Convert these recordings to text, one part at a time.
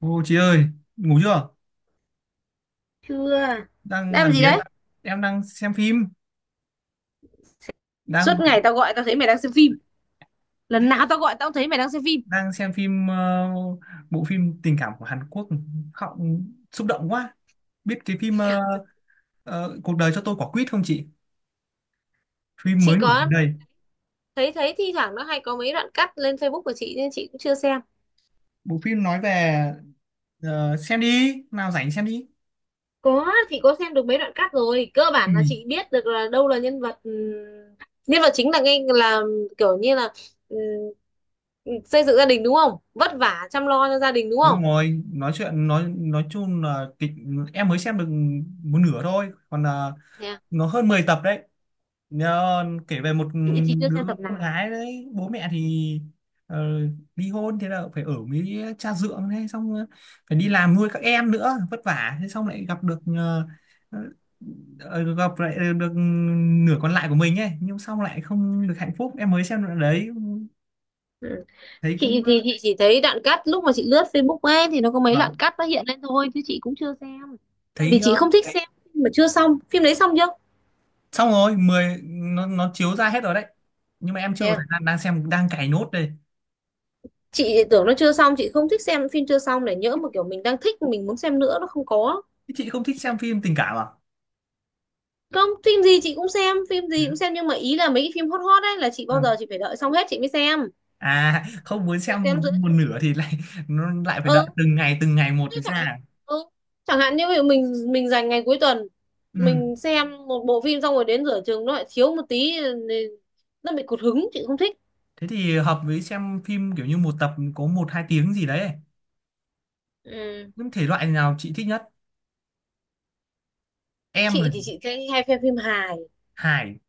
Ô chị ơi, ngủ chưa? Chưa, đang Đang làm làm gì gì đây? đấy? Em đang xem phim, đang Suốt ngày tao gọi tao thấy mày đang xem phim. Lần nào tao gọi tao cũng thấy mày đang xem phim. đang xem phim bộ phim tình cảm của Hàn Quốc, khóc xúc động quá. Biết cái phim Cuộc đời cho tôi quả quýt không chị? Phim Chị mới nổi có gần đây. thấy thấy thi thoảng nó hay có mấy đoạn cắt lên Facebook của chị nên chị cũng chưa xem. Bộ phim nói về xem đi, nào rảnh xem đi. Có, chị có xem được mấy đoạn cắt rồi, cơ Ừ, bản là chị biết được là đâu là nhân vật, nhân vật chính là ngay là kiểu như là, ừm, xây dựng gia đình đúng không, vất vả chăm lo cho gia đình đúng không? đúng rồi, nói chuyện nói chung là kịch, em mới xem được một nửa thôi, còn là Thế à? nó hơn 10 tập đấy. Nhờ, kể về một Chị chưa đứa xem tập con nào. gái đấy bố mẹ thì ờ, ly hôn, thế là phải ở với cha dượng, thế xong phải đi làm nuôi các em nữa, vất vả, thế xong lại gặp được ờ, gặp lại được nửa còn lại của mình ấy, nhưng xong lại không được hạnh phúc, em mới xem đoạn đấy Ừ. thấy Chị cũng thì chị chỉ thấy đoạn cắt lúc mà chị lướt Facebook ấy, thì nó có mấy đoạn vâng, cắt nó hiện lên thôi chứ chị cũng chưa xem. Tại vì thấy chị không thích xem phim mà chưa xong. Phim đấy xong chưa? xong rồi mười, nó chiếu ra hết rồi đấy, nhưng mà em Thế chưa có à? thời gian, đang xem đang cày nốt đây. Chị tưởng nó chưa xong. Chị không thích xem phim chưa xong để nhỡ mà kiểu mình đang thích mình muốn xem nữa nó không có. Thế chị không thích xem phim tình cảm à? Không, phim gì chị cũng xem, phim Dạ, gì cũng xem, nhưng mà ý là mấy cái phim hot hot ấy là chị bao vâng. giờ chị phải đợi xong hết chị mới xem, À không muốn rồi xem xem giữa một chừng. nửa thì lại nó lại phải đợi Ừ. Từng ngày một Chứ mới chẳng ra. hạn, ừ, chẳng hạn như ví dụ mình dành ngày cuối tuần Ừ. mình xem một bộ phim xong rồi đến rửa chừng nó lại thiếu một tí, thì nó bị cụt hứng, chị không thích. Thế thì hợp với xem phim kiểu như một tập có 1 2 tiếng gì đấy. Ừ, Những thể loại nào chị thích nhất? Em là chị thì chị thấy hay xem phim hài. hài,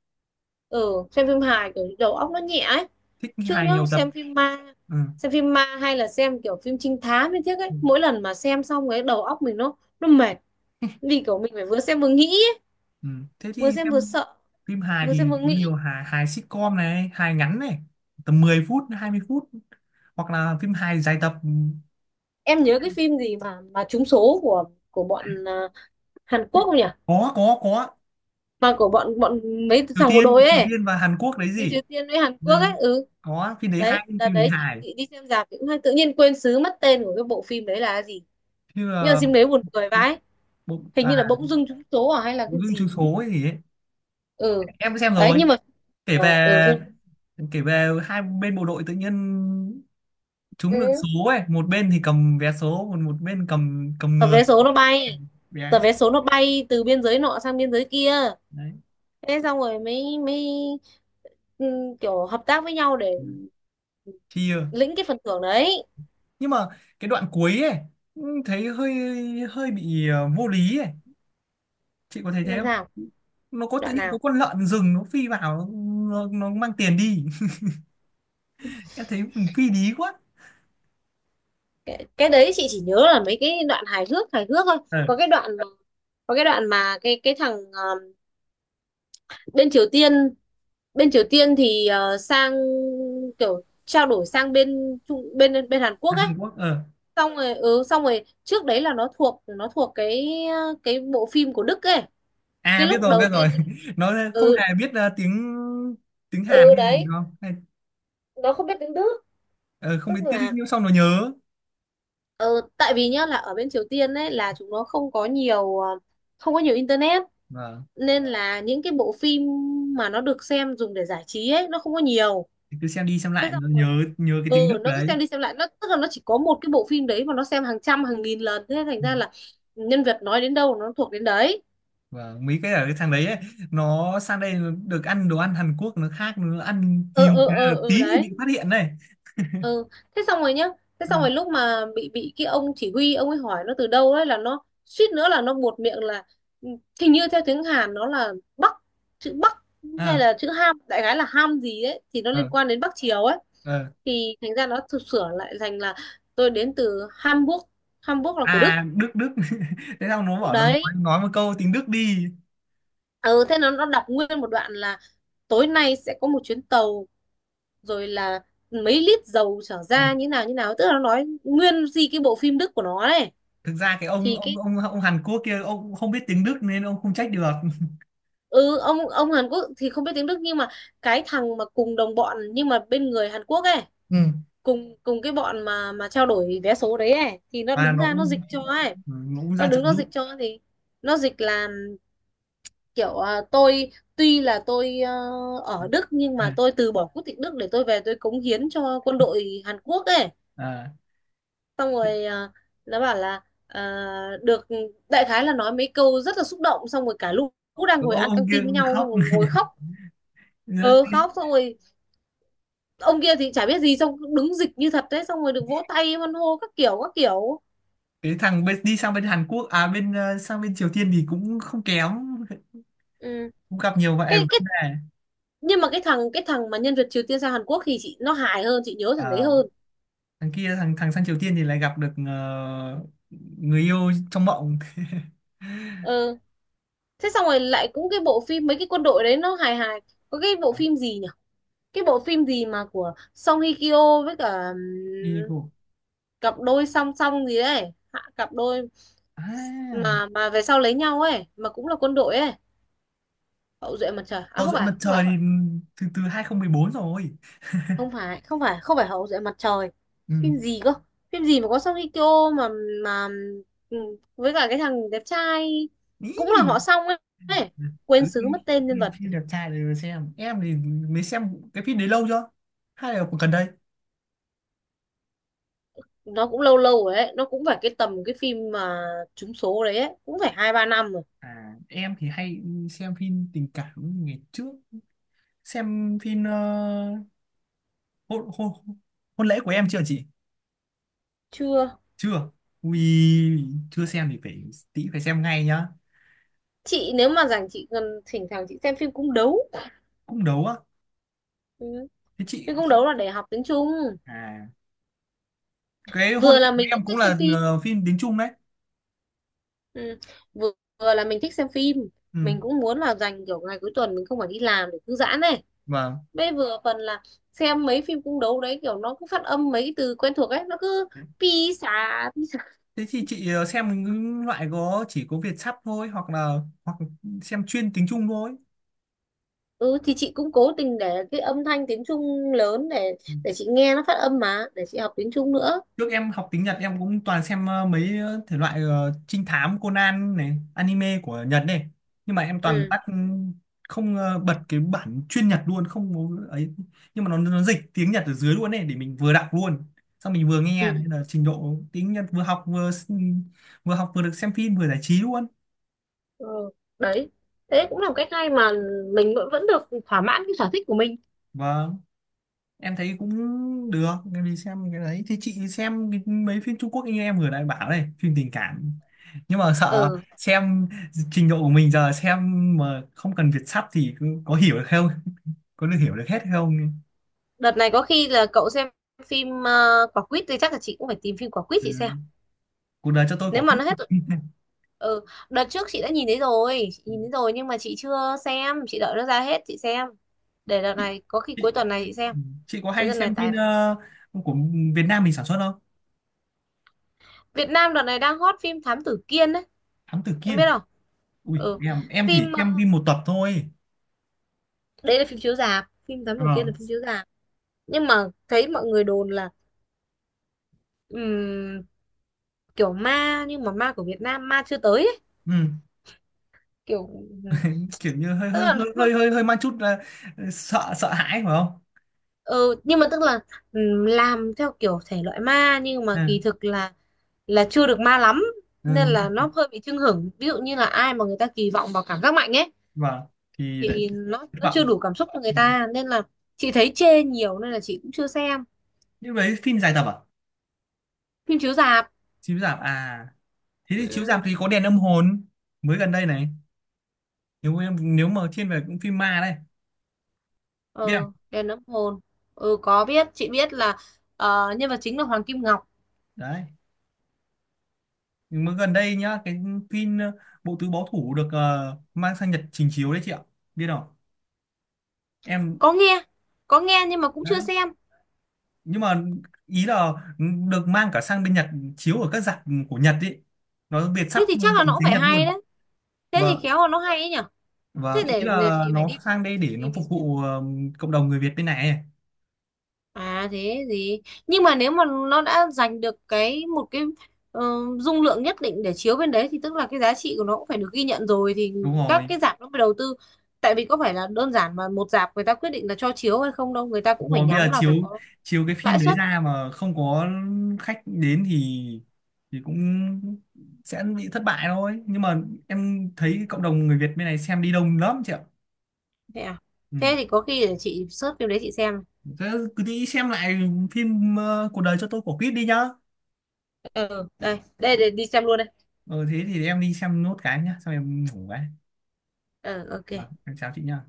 Ừ, xem phim hài kiểu đầu óc nó nhẹ ấy. thích Chứ hài nhá, nhiều tập. xem phim ma, Ừ. xem phim ma hay là xem kiểu phim trinh thám như thế ấy, Ừ. mỗi lần mà xem xong cái đầu óc mình nó mệt, vì kiểu mình phải vừa xem vừa nghĩ ấy. Ừ. Thế Vừa thì xem vừa xem sợ, phim hài vừa xem thì vừa có nghĩ. nhiều, hài hài sitcom này, hài ngắn này, tầm 10 phút 20 phút, hoặc là phim hài dài tập. Em nhớ cái phim gì mà trúng số của bọn Hàn Quốc không nhỉ, Có có có. mà của bọn bọn mấy Triều thằng bộ Tiên, đội Triều ấy, Tiên và Hàn Quốc đấy người gì. Triều Tiên với Hàn Ừ. Quốc ấy. Ừ, Có phim đấy, đấy, hay, đợt phim đấy đấy chị, hài. chị đi xem rạp thì cũng hay, tự nhiên quên xứ mất tên của cái bộ phim đấy là gì, Như nhưng mà là phim đấy buồn cười vãi. bộ Hình à, như là Bỗng Dưng Trúng Số à hay là bộ cái Gương gì chiếu ấy. số hay gì ấy, Ừ, em cũng xem đấy, nhưng rồi. mà Kể về, đấy, ừ, phim. kể về hai bên bộ đội tự nhiên Ừ. trúng được số ấy, một bên thì cầm vé số, còn một bên cầm, cầm Tờ người vé số nó bay, vé tờ ấy. vé số nó bay từ biên giới nọ sang biên giới kia. Đấy. Thế xong rồi mới mới ừ, kiểu hợp tác với nhau để Ừ. Chia. lĩnh cái phần thưởng đấy. Nhưng mà cái đoạn cuối ấy thấy hơi hơi bị vô lý ấy, chị có thấy thế Làm không? sao? Nó có tự Đoạn nhiên có nào? con lợn rừng nó phi vào, nó mang tiền đi, em thấy mình phi lý quá. Cái đấy chị chỉ nhớ là mấy cái đoạn hài hước thôi. Ờ Có cái đoạn, có cái đoạn mà cái thằng bên Triều Tiên, bên Triều Tiên thì sang, kiểu trao đổi sang bên bên Hàn Quốc là ấy, Hàn Quốc ờ. xong rồi ừ, xong rồi trước đấy là nó thuộc, nó thuộc cái bộ phim của Đức ấy. Cái À biết lúc rồi đầu biết rồi. tiên là- Nó không Ừ. hề biết tiếng, tiếng Hàn Ừ, hay gì đấy, đâu hay. nó không biết tiếng Đức. Ờ, Không biết Tức tiếng là nhưng xong nó nhớ. ừ, tại vì nhá, là ở bên Triều Tiên ấy là chúng nó không có nhiều không có nhiều internet, Vâng. nên là những cái bộ phim mà nó được xem dùng để giải trí ấy nó không có nhiều. Thì cứ xem đi xem Thế lại xong nó rồi nhớ, nhớ cái ừ, tiếng Đức nó cứ đấy. xem đi xem lại, nó tức là nó chỉ có một cái bộ phim đấy mà nó xem hàng trăm hàng nghìn lần, thế thành Ừ. ra là nhân vật nói đến đâu nó thuộc đến đấy. Vâng, mấy cái ở cái thằng đấy ấy, nó sang đây nó được ăn đồ ăn Hàn Quốc, nó khác, nó ăn Ừ, hiếu ừ, ừ, tí ừ, thì bị đấy. phát hiện này. Ừ, thế xong rồi nhá, thế Ừ. xong rồi lúc mà bị cái ông chỉ huy ông ấy hỏi nó từ đâu ấy, là nó suýt nữa là nó buột miệng là ừ, hình như theo tiếng Hàn nó là Bắc, chữ Bắc hay Ờ là chữ Ham, đại khái là Ham gì ấy thì nó liên ờ quan đến Bắc Triều ấy, ờ. thì thành ra nó thực sửa lại thành là tôi đến từ Hamburg. Hamburg là của Đức. À Đức Đức. Thế sao nó bảo là Đấy. Nói một câu tiếng Đức đi. Ừ, thế nó đọc nguyên một đoạn là tối nay sẽ có một chuyến tàu, rồi là mấy lít dầu trở Ừ. ra như nào như nào, tức là nó nói nguyên gì cái bộ phim Đức của nó đấy. Thực ra cái Thì cái, ông Hàn Quốc kia ông cũng không biết tiếng Đức nên ông không trách được. ừ, ông Hàn Quốc thì không biết tiếng Đức, nhưng mà cái thằng mà cùng đồng bọn nhưng mà bên người Hàn Quốc ấy, Ừ. cùng cùng cái bọn mà trao đổi vé số đấy ấy, thì nó À đứng nó ra nó dịch cũng, cho ấy. nó cũng Nó ra trợ đứng nó giúp. dịch cho, thì nó dịch là kiểu à, tôi tuy là tôi ở Đức nhưng mà À, tôi từ bỏ quốc tịch Đức để tôi về tôi cống hiến cho quân đội Hàn Quốc ấy. à. Xong rồi à, nó bảo là à, được, đại khái là nói mấy câu rất là xúc động, xong rồi cả lúc lũ đang ngồi ăn căng Ông kia tin với nhau xong khóc. rồi ngồi khóc. Ờ, khóc xong rồi ông kia thì chả biết gì xong cứ đứng dịch như thật đấy, xong rồi được vỗ tay hoan hô các kiểu các kiểu. Cái thằng bên, đi sang bên Hàn Quốc à, bên sang bên Triều Tiên thì cũng không kém, Ừ. cũng gặp nhiều vậy cái vấn cái đề. nhưng mà cái thằng, cái thằng mà nhân vật Triều Tiên sang Hàn Quốc thì chị nó hài hơn, chị nhớ thằng đấy À, hơn. thằng kia, thằng thằng sang Triều Tiên thì lại gặp được người yêu trong mộng. Ờ, thế xong rồi lại cũng cái bộ phim mấy cái quân đội đấy nó hài hài. Có cái bộ À, phim gì nhỉ? Cái bộ phim gì mà của Song Hye Kyo với cả, đi cô. cặp đôi song song gì đấy, hạ cặp đôi, À, mà về sau lấy nhau ấy, mà cũng là quân đội ấy. Hậu Duệ Mặt Trời à? Hậu Không duệ phải, mặt không trời phải, thì từ từ 2014 rồi. không phải, không phải, không phải Hậu Duệ Mặt Trời. Ừ. Phim gì cơ? Phim gì mà có Song Hye Kyo mà ừm, với cả cái thằng đẹp trai cũng là Ý. họ Song ấy, ấy. Quên Cứ xứ mất đi, tên đi nhân vật. phim đẹp trai để mà xem. Em thì mới xem cái phim đấy lâu chưa, hay là cũng gần đây? Nó cũng lâu lâu rồi ấy, nó cũng phải cái tầm cái phim mà trúng số đấy ấy, cũng phải hai ba năm rồi. À em thì hay xem phim tình cảm. Ngày trước xem phim hôn, hôn, Hôn lễ của em chưa chị? Chưa. Chưa? Ui chưa xem thì phải, tí phải xem ngay nhá. Chị nếu mà rảnh chị gần thỉnh thoảng chị xem phim cung đấu. Cũng đấu á? Ừ. Thế chị Phim cung chị đấu là để học tiếng Trung. à cái Hôn lễ Vừa là của mình cũng em cũng thích xem là phim, phim tiếng Trung đấy. ừ, vừa, vừa là mình thích xem phim, mình Ừ. cũng muốn là dành kiểu ngày cuối tuần mình không phải đi làm để thư giãn này, Vâng. bây vừa phần là xem mấy phim cung đấu đấy, kiểu nó cứ phát âm mấy cái từ quen thuộc ấy nó cứ pi xà, pi xà. Thế thì chị xem những loại có chỉ có Việt sắp thôi, hoặc là hoặc xem chuyên tiếng Trung thôi. Ừ, thì chị cũng cố tình để cái âm thanh tiếng Trung lớn để chị nghe nó phát âm mà để chị học tiếng Trung nữa. Trước em học tiếng Nhật em cũng toàn xem mấy thể loại trinh thám Conan này, anime của Nhật này. Nhưng mà em toàn Ừ. tắt không, bật cái bản chuyên Nhật luôn không có ấy, nhưng mà nó dịch tiếng Nhật ở dưới luôn này để mình vừa đọc luôn. Xong mình vừa nghe Ừ. nên là trình độ tiếng Nhật vừa học vừa vừa học vừa được xem phim vừa giải trí luôn. Ừ, đấy, thế cũng là một cách hay mà mình vẫn vẫn được thỏa mãn cái sở thích của mình. Và em thấy cũng được, em đi xem cái đấy thì chị xem cái- mấy phim Trung Quốc như em vừa nãy bảo đây, phim tình cảm, nhưng mà sợ Ừ, xem trình độ của mình giờ xem mà không cần Việt sắp thì cứ- có hiểu được không, có được hiểu được hết không? đợt này có khi là cậu xem phim quả quýt, thì chắc là chị cũng phải tìm phim quả quýt Ừ. chị xem, Cuộc đời cho tôi quả nếu mà quýt. nó hết. Ừ, đợt trước chị đã nhìn thấy rồi, chị nhìn thấy rồi nhưng mà chị chưa xem, chị đợi nó ra hết chị xem. Để đợt chị, này có khi cuối chị, tuần này chị xem, chị có cuối hay tuần này. xem phim Tại của Việt Nam mình sản xuất không? Việt Nam đợt này đang hot phim Thám Tử Kiên đấy, Thám Tử em biết Kiên? không? Ui Ừ, em chỉ phim xem phim một tập thôi. đấy là phim chiếu rạp, phim Thám Tử Kiên Ờ. là phim chiếu rạp, nhưng mà thấy mọi người đồn là ừm, kiểu ma nhưng mà ma của Việt Nam, ma chưa tới ấy. Ừ. Kiểu ừm, Kiểu như hơi tức hơi là hơi nó, hơi hơi hơi mang chút sợ, sợ hãi phải không? ừ, nhưng mà tức là làm theo kiểu thể loại ma nhưng mà kỳ Ừ. thực là chưa được ma lắm, Ừ. nên là nó hơi bị chưng hửng. Ví dụ như là ai mà người ta kỳ vọng vào cảm giác mạnh ấy Vâng. Thì lại thì nó thất nó chưa vọng. đủ cảm xúc cho người Ừ. ta, nên là chị thấy chê nhiều nên là chị cũng chưa xem. Nhưng đấy phim dài tập à? Phim chiếu rạp. Chiếu rạp à? Thế thì chiếu rạp Ừ, thì có Đèn âm hồn mới gần đây này, nếu em nếu mà thiên về cũng phim ma đây, biết ừ, không? đèn âm hồn. Ừ, có biết, chị biết là nhân vật chính là Hoàng Kim Ngọc. Đấy. Nhưng mà gần đây nhá, cái phim Bộ tứ báo thủ được mang sang Nhật trình chiếu đấy chị ạ, biết không? Em Có nghe, có nghe nhưng mà cũng chưa đấy. xem. Nhưng mà ý là được mang cả sang bên Nhật, chiếu ở các rạp của Nhật ý, nó Việt sắp Thế thì chắc là bằng nó cũng tiếng phải Nhật hay luôn. đấy, thế và thì khéo là nó hay ấy nhở. thế và ý để, để là chị phải nó đi sang đây để nó tìm phục chị xem. vụ cộng đồng người Việt bên này ấy. À thế gì, nhưng mà nếu mà nó đã giành được cái một cái ờ, dung lượng nhất định để chiếu bên đấy, thì tức là cái giá trị của nó cũng phải được ghi nhận rồi, thì Đúng các rồi, cái rạp nó mới đầu tư. Tại vì có phải là đơn giản mà một rạp người ta quyết định là cho chiếu hay không đâu, người ta đúng cũng phải rồi, bây giờ nhắm là chiếu, phải có chiếu cái phim lãi đấy suất. ra mà không có khách đến thì cũng sẽ bị thất bại thôi. Nhưng mà em thấy cộng đồng người Việt bên này xem đi đông lắm chị ạ. Thế à? Ừ. Thế thì có khi để chị search phim đấy chị xem. Thế cứ đi xem lại phim Cuộc đời cho tôi quả quýt đi nhá. Ừ, đây đây, để đi xem luôn đây. Ừ thế thì em đi xem nốt cái nhá, xong em ngủ cái. Ờ, ok. Vâng em chào chị nhá.